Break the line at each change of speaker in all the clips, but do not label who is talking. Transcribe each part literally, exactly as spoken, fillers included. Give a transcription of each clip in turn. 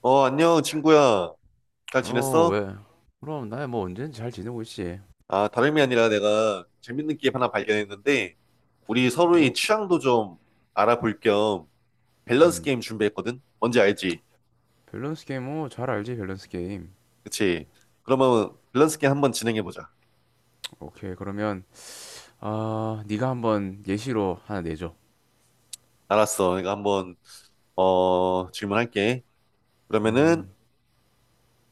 어, 안녕, 친구야. 잘
어,
지냈어?
왜? 그럼 나야 뭐 언제든지 잘 지내고 있지.
아, 다름이 아니라 내가 재밌는 게임 하나 발견했는데, 우리 서로의
어,
취향도 좀 알아볼 겸 밸런스
음.
게임 준비했거든? 뭔지 알지?
밸런스 게임, 어, 잘 알지, 밸런스 게임.
그치? 그러면 밸런스 게임 한번 진행해보자.
오케이, 그러면, 아, 네가 한번 예시로 하나 내줘.
알았어. 내가 한번, 어, 질문할게. 그러면은
음,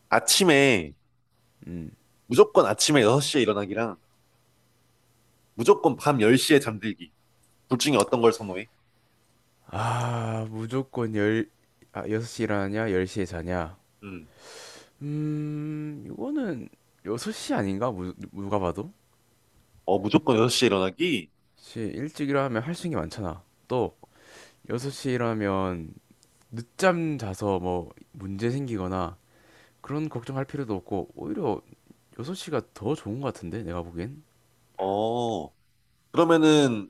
아침에,
음.
무조건 아침에 여섯 시에 일어나기랑 무조건 밤 열 시에 잠들기. 둘 중에 어떤 걸 선호해?
아, 무조건 열, 아, 여섯 시 일하냐, 열 시에 자냐.
음.
음, 이거는 여섯 시 아닌가? 무, 누가 봐도?
어, 무조건 여섯 시에 일어나기?
시 일찍 일어나면 할 수 있는 게 많잖아. 또, 여섯 시 일어나면 늦잠 자서 뭐 문제 생기거나 그런 걱정할 필요도 없고 오히려 여섯 시가 더 좋은 것 같은데 내가 보기엔.
어, 그러면은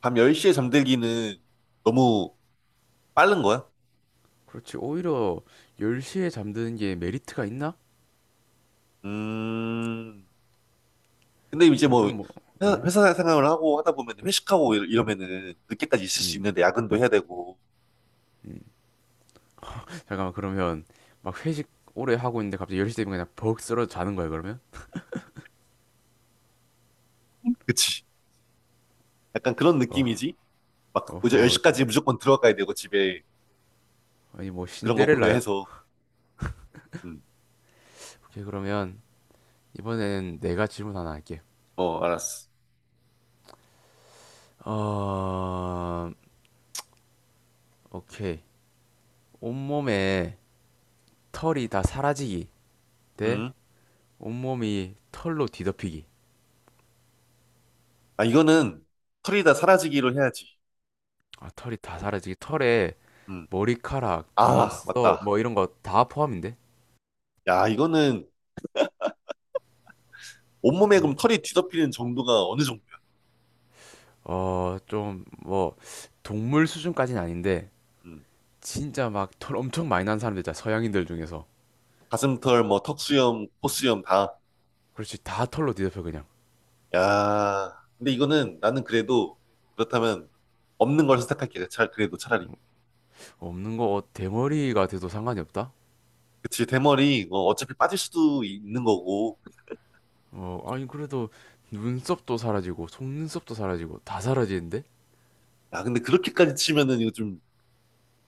밤 열 시에 잠들기는 너무 빠른 거야?
그렇지. 오히려 열 시에 잠드는 게 메리트가 있나?
음. 근데 이제
요즘
뭐
뭐.
회사,
어?
회사 생활을 하고 하다 보면 회식하고 이- 이러면은 늦게까지 있을 수
음.
있는데 야근도 해야 되고.
잠깐만, 그러면 막 회식 오래 하고 있는데 갑자기 열 시 되면 그냥 벅 쓰러져 자는 거야, 그러면?
그치. 약간 그런
어.
느낌이지? 막 이제
어허, 저,
열 시까지 무조건 들어가야 되고 집에
아니 뭐
그런 거
신데렐라요?
고려해서. 음.
오케이, 그러면 이번엔 내가 질문 하나 할게.
어, 알았어.
어, 오케이. 온몸에 털이 다 사라지기 대
음.
온몸이 털로 뒤덮이기.
아, 이거는 털이 다 사라지기로 해야지.
아, 털이 다 사라지기. 털에
음.
머리카락,
아,
눈썹,
맞다.
뭐 이런 거 다 포함인데?
야, 이거는 온몸에
음.
그럼 털이 뒤덮이는 정도가 어느 정도야?
어, 좀, 뭐, 동물 수준까지는 아닌데,
음.
진짜 막 털 엄청 많이 난 사람들 있잖아, 서양인들 중에서.
가슴털, 뭐, 턱수염, 코수염 다.
그렇지. 다 털로 뒤덮여, 그냥.
야, 근데 이거는 나는 그래도 그렇다면 없는 걸 선택할게. 잘, 그래도 차라리.
없는 거, 어, 대머리가 돼도 상관이 없다?
그치, 대머리, 뭐 어차피 빠질 수도 있는 거고.
어, 아니, 그래도 눈썹도 사라지고, 속눈썹도 사라지고, 다 사라지는데?
야, 근데 그렇게까지 치면은 이거 좀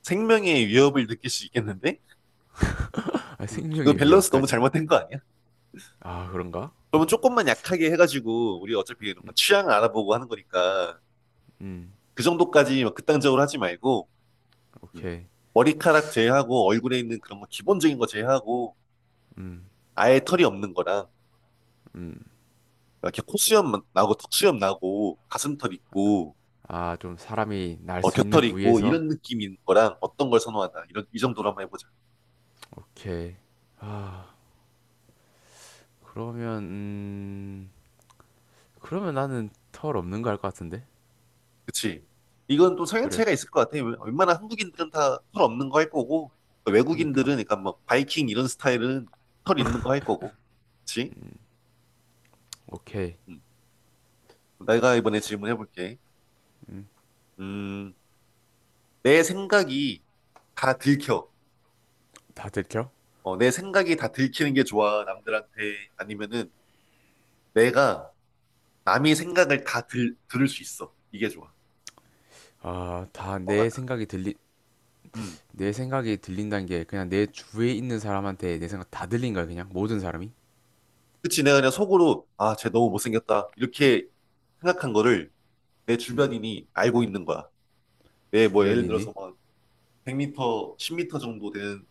생명의 위협을 느낄 수 있겠는데?
아,
음, 이거
생명의
밸런스 너무
위협까지?
잘못된 거 아니야?
아, 그런가?
그러면 조금만 약하게 해가지고, 우리 어차피 이런 거 취향을 알아보고 하는 거니까,
음.
그 정도까지 막 극단적으로 하지 말고, 음,
오케이.
머리카락 제외하고, 얼굴에 있는 그런 거 기본적인 거 제외하고,
음,
아예 털이 없는 거랑,
음.
이렇게 코수염 나고 턱수염 나고 가슴털 있고
아, 좀 사람이 날
어,
수 있는
겨털 있고
부위에서.
이런 느낌인 거랑 어떤 걸 선호하나 이런 이 정도로 한번 해보자.
오케이. 아, 그러면 음, 그러면 나는 털 없는 거 할 것 같은데.
그치? 이건 또 성향
그래.
차이가 있을 것 같아. 웬- 웬만한 한국인들은 다 털 없는 거 할 거고 외국인들은
그니까.
그러니까 뭐 바이킹 이런 스타일은 털 있는 거 할 거고. 그치?
오케이.
음. 내가 이번에 질문해볼게. 음, 내 생각이 다 들켜.
다 들켜?
어, 내 생각이 다 들키는 게 좋아, 남들한테. 아니면은 내가 남의 생각을 다 들, 들을 수 있어. 이게 좋아.
아, 다
뭐가
내
나.
생각이 들리.
음,
내 생각이 들린다는 게 그냥 내 주위에 있는 사람한테 내 생각 다 들린 거야, 그냥 모든 사람이.
그치, 내가 그냥 속으로, 아, 쟤 너무 못생겼다. 이렇게 생각한 거를 내
음,
주변인이 알고 있는 거야. 내 뭐 예를
주변이니.
들어서 막 백 미터, 십 미터 정도 되는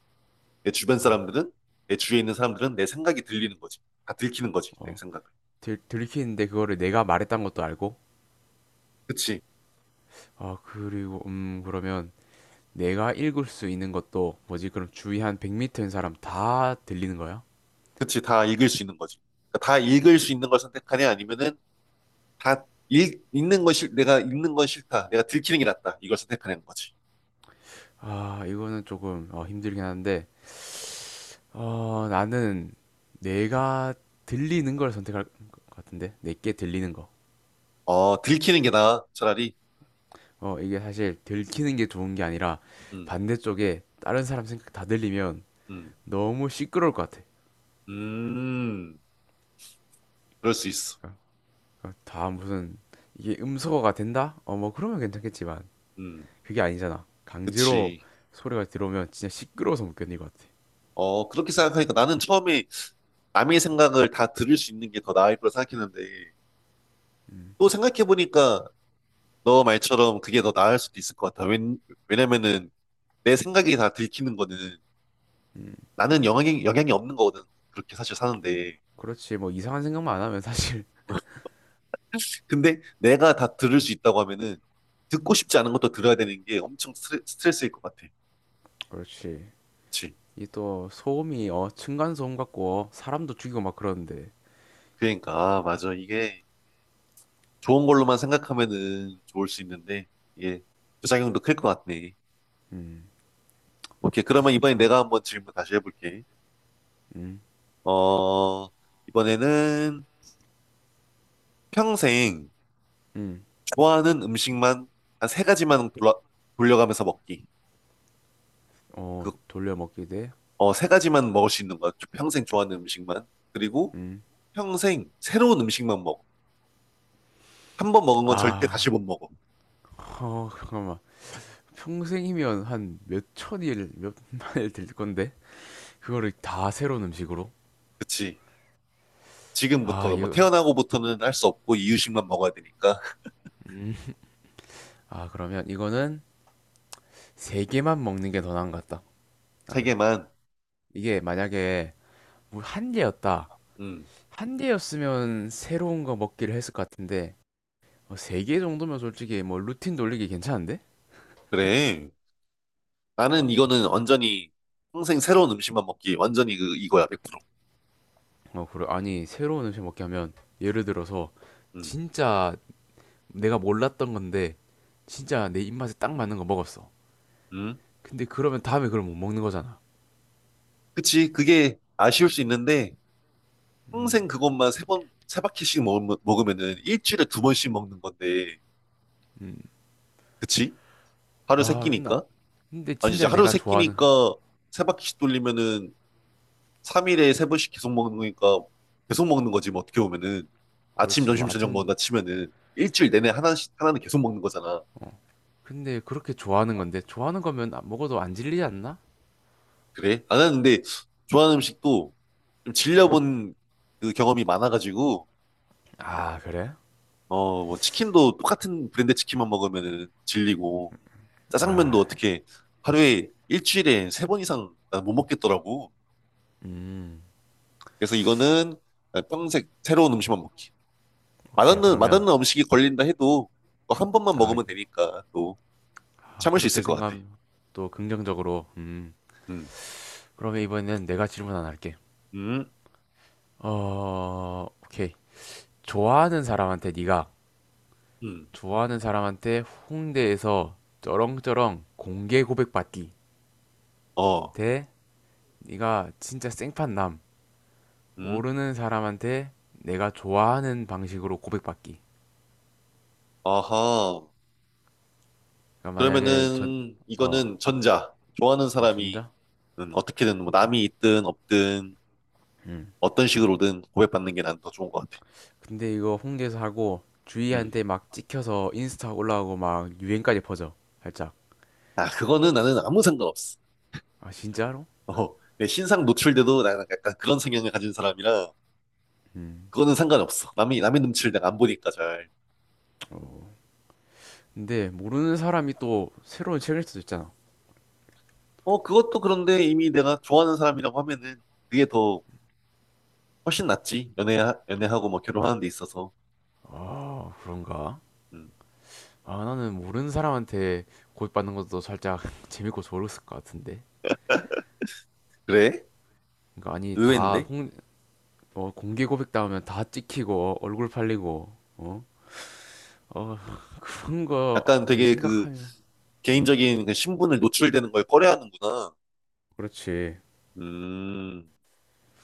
내 주변
아,
사람들은, 내 주위에 있는 사람들은 내 생각이 들리는 거지. 다 들키는 거지, 내
어.
생각을.
들, 들키는데 그거를 내가 말했던 것도 알고.
그치,
아, 그리고 음, 그러면 내가 읽을 수 있는 것도 뭐지? 그럼 주위 한 백 미터인 사람 다 들리는 거야?
그치, 다 읽을 수 있는 거지. 그러니까 다 읽을 수 있는 걸 선택하냐, 아니면은 다 읽, 읽는 건 싫, 내가 읽는 건 싫다. 내가 들키는 게 낫다. 이걸 선택하는 거지.
아, 이거는 조금 어, 힘들긴 한데, 어, 나는 내가 들리는 걸 선택할 것 같은데, 내게 들리는 거.
어, 들키는 게 나아, 차라리.
어, 이게 사실 들키는 게 좋은 게 아니라
음,
반대쪽에 다른 사람 생각 다 들리면
음,
너무 시끄러울 것 같아.
음, 그럴 수 있어.
그러니까 다 무슨, 이게 음소거가 된다? 어, 뭐 그러면 괜찮겠지만
음,
그게 아니잖아. 강제로
그치.
소리가 들어오면 진짜 시끄러워서 못 견딜 것 같아.
어, 그렇게 생각하니까 나는 처음에 남의 생각을 다 들을 수 있는 게 더 나을 거라 생각했는데, 또 생각해보니까 너 말처럼 그게 더 나을 수도 있을 것 같아. 왜, 왜냐면은 내 생각이 다 들키는 거는 나는 영향이, 영향이 없는 거거든. 그렇게 사실 사는데.
그렇지, 뭐 이상한 생각만 안 하면 사실.
근데 내가 다 들을 수 있다고 하면은 듣고 싶지 않은 것도 들어야 되는 게 엄청 스트레, 스트레스일 것 같아.
그렇지.
그치.
이 또 소음이 어 층간 소음 같고 어, 사람도 죽이고 막 그러는데.
그러니까, 아, 맞아. 이게 좋은 걸로만 생각하면은 좋을 수 있는데, 이게 부작용도 클 것 같네.
음.
오케이. 그러면 이번에 내가 한번 질문 다시 해볼게.
음.
어, 이번에는 평생
음.
좋아하는 음식만 한 세 가지만 돌아, 돌려가면서 먹기.
어,
그,
돌려 먹기.
어, 세 가지만 먹을 수 있는 거야. 평생 좋아하는 음식만. 그리고 평생 새로운 음식만 먹어. 한 번 먹은 건 절대 다시
돼음아어.
못 먹어.
잠깐만, 평생이면 한 몇 천일 몇만일 될 건데 그거를 다 새로운 음식으로.
그치.
아
지금부터, 뭐
이거.
태어나고부터는 할 수 없고 이유식만 먹어야 되니까.
음. 아, 그러면 이거는 세 개만 먹는 게 더 나은 것 같다,
세
나는.
개만.
이게 만약에 뭐 한 개였다,
음,
한 개였으면 새로운 거 먹기를 했을 것 같은데. 어, 세개 정도면 솔직히 뭐 루틴 돌리기 괜찮은데?
그래. 나는
그러니까.
이거는 완전히 평생 새로운 음식만 먹기. 완전히 그, 이거야, 백 퍼센트.
어, 그래. 아니, 새로운 음식 먹게 하면 예를 들어서
음.
진짜 내가 몰랐던 건데 진짜 내 입맛에 딱 맞는 거 먹었어.
음.
근데 그러면 다음에 그걸 못 먹는 거잖아.
그치, 그게 아쉬울 수 있는데,
음.
평생 그것만 세 번, 세 바퀴씩 먹으면, 먹으면은 일주일에 두 번씩 먹는 건데, 그치? 하루 세
아, 나
끼니까?
근데
아니, 이제
진짜
하루
내가
세
좋아하는.
끼니까 세 바퀴씩 돌리면은 삼 일에 세 번씩 계속 먹는 거니까, 계속 먹는 거지, 뭐 어떻게 보면은. 아침,
그렇지,
점심,
뭐
저녁
아침.
먹는다 치면은 일주일 내내 하나씩, 하나는 계속 먹는 거잖아.
근데 그렇게 좋아하는 건데 좋아하는 거면 안- 먹어도 안 질리지 않나?
그래? 아, 나는 는데 좋아하는 음식도 좀 질려본 그 경험이 많아가지고,
아 그래?
어, 뭐 치킨도 똑같은 브랜드 치킨만 먹으면은 질리고, 짜장면도
아,
어떻게 하루에 일주일에 세 번 이상 난못 먹겠더라고.
음,
그래서 이거는 평생 새로운 음식만 먹기.
오케이.
맛없는,
그러면
맛없는 음식이 걸린다 해도 뭐한 번만
아,
먹으면 되니까 또
아
참을 수
그렇게
있을 것 같아.
생각하면 또 긍정적으로. 음.
음,
그러면 이번에는 내가 질문 하나 할게.
음,
어, 오케이. 좋아하는 사람한테 네가,
음,
좋아하는 사람한테 홍대에서 쩌렁쩌렁 공개 고백 받기
어,
대 네가 진짜 생판 남
음,
모르는 사람한테 내가 좋아하는 방식으로 고백 받기.
아하.
그러니까 만약에
그러면은
전어,
이거는 전자. 좋아하는 사람이
전자.
음, 어떻게든 뭐 남이 있든 없든
응.
어떤 식으로든 고백받는 게 난 더 좋은 것 같아.
근데 이거 홍대에서 하고
음.
주희한테 막 찍혀서 인스타 올라오고 막 유행까지 퍼져. 살짝.
아, 그거는 나는 아무 상관없어.
아, 진짜로?
어, 내 신상 노출돼도 나 약간 그런 성향을 가진 사람이라
음.
그거는 상관없어. 남이 남의 눈치를 내가 안 보니까 잘.
어. 근데 모르는 사람이 또 새로운 책일 수도 있잖아.
어, 그것도 그런데 이미 내가 좋아하는 사람이라고 하면은 그게 더 훨씬 낫지. 연애 연애하고 뭐 결혼하는 데 있어서.
아 그런가?
음.
아, 나는 모르는 사람한테 고백받는 것도 살짝 재밌고 좋았을 것 같은데.
그래?
그러니까 아니 다
의외인데?
홍, 어, 공개 고백 당하면 다 찍히고 어, 얼굴 팔리고 어? 어, 그런 거
약간 되게 그
생각하면. 음.
개인적인 그 신분을 노출되는 걸 꺼려하는구나.
그렇지.
음.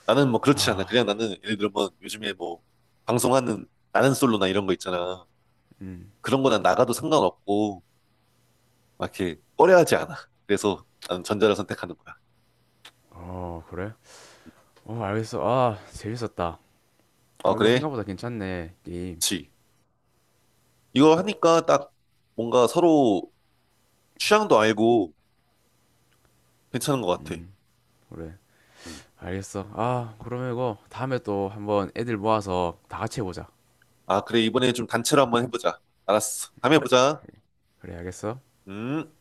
나는 뭐 그렇지 않아.
아,
그냥 나는 예를 들면 요즘에 뭐 방송하는 나는 솔로나 이런 거 있잖아.
음.
그런 거 난 나가도 상관없고 막 이렇게 꺼려하지 않아. 그래서 나는 전자를 선택하는 거야.
어, 그래? 어, 알겠어. 아, 재밌었다.
아,
어, 이거
그래?
생각보다 괜찮네, 게임.
그치. 이거 하니까 딱 뭔가 서로 취향도 알고 괜찮은 것 같아.
음. 그래.
음.
알겠어. 아, 그러면 이거 다음에 또 한번 애들 모아서 다 같이 해보자.
아, 그래. 이번에 좀 단체로 한번 해보자. 알았어. 다음에 보자.
그래, 알겠어?
음.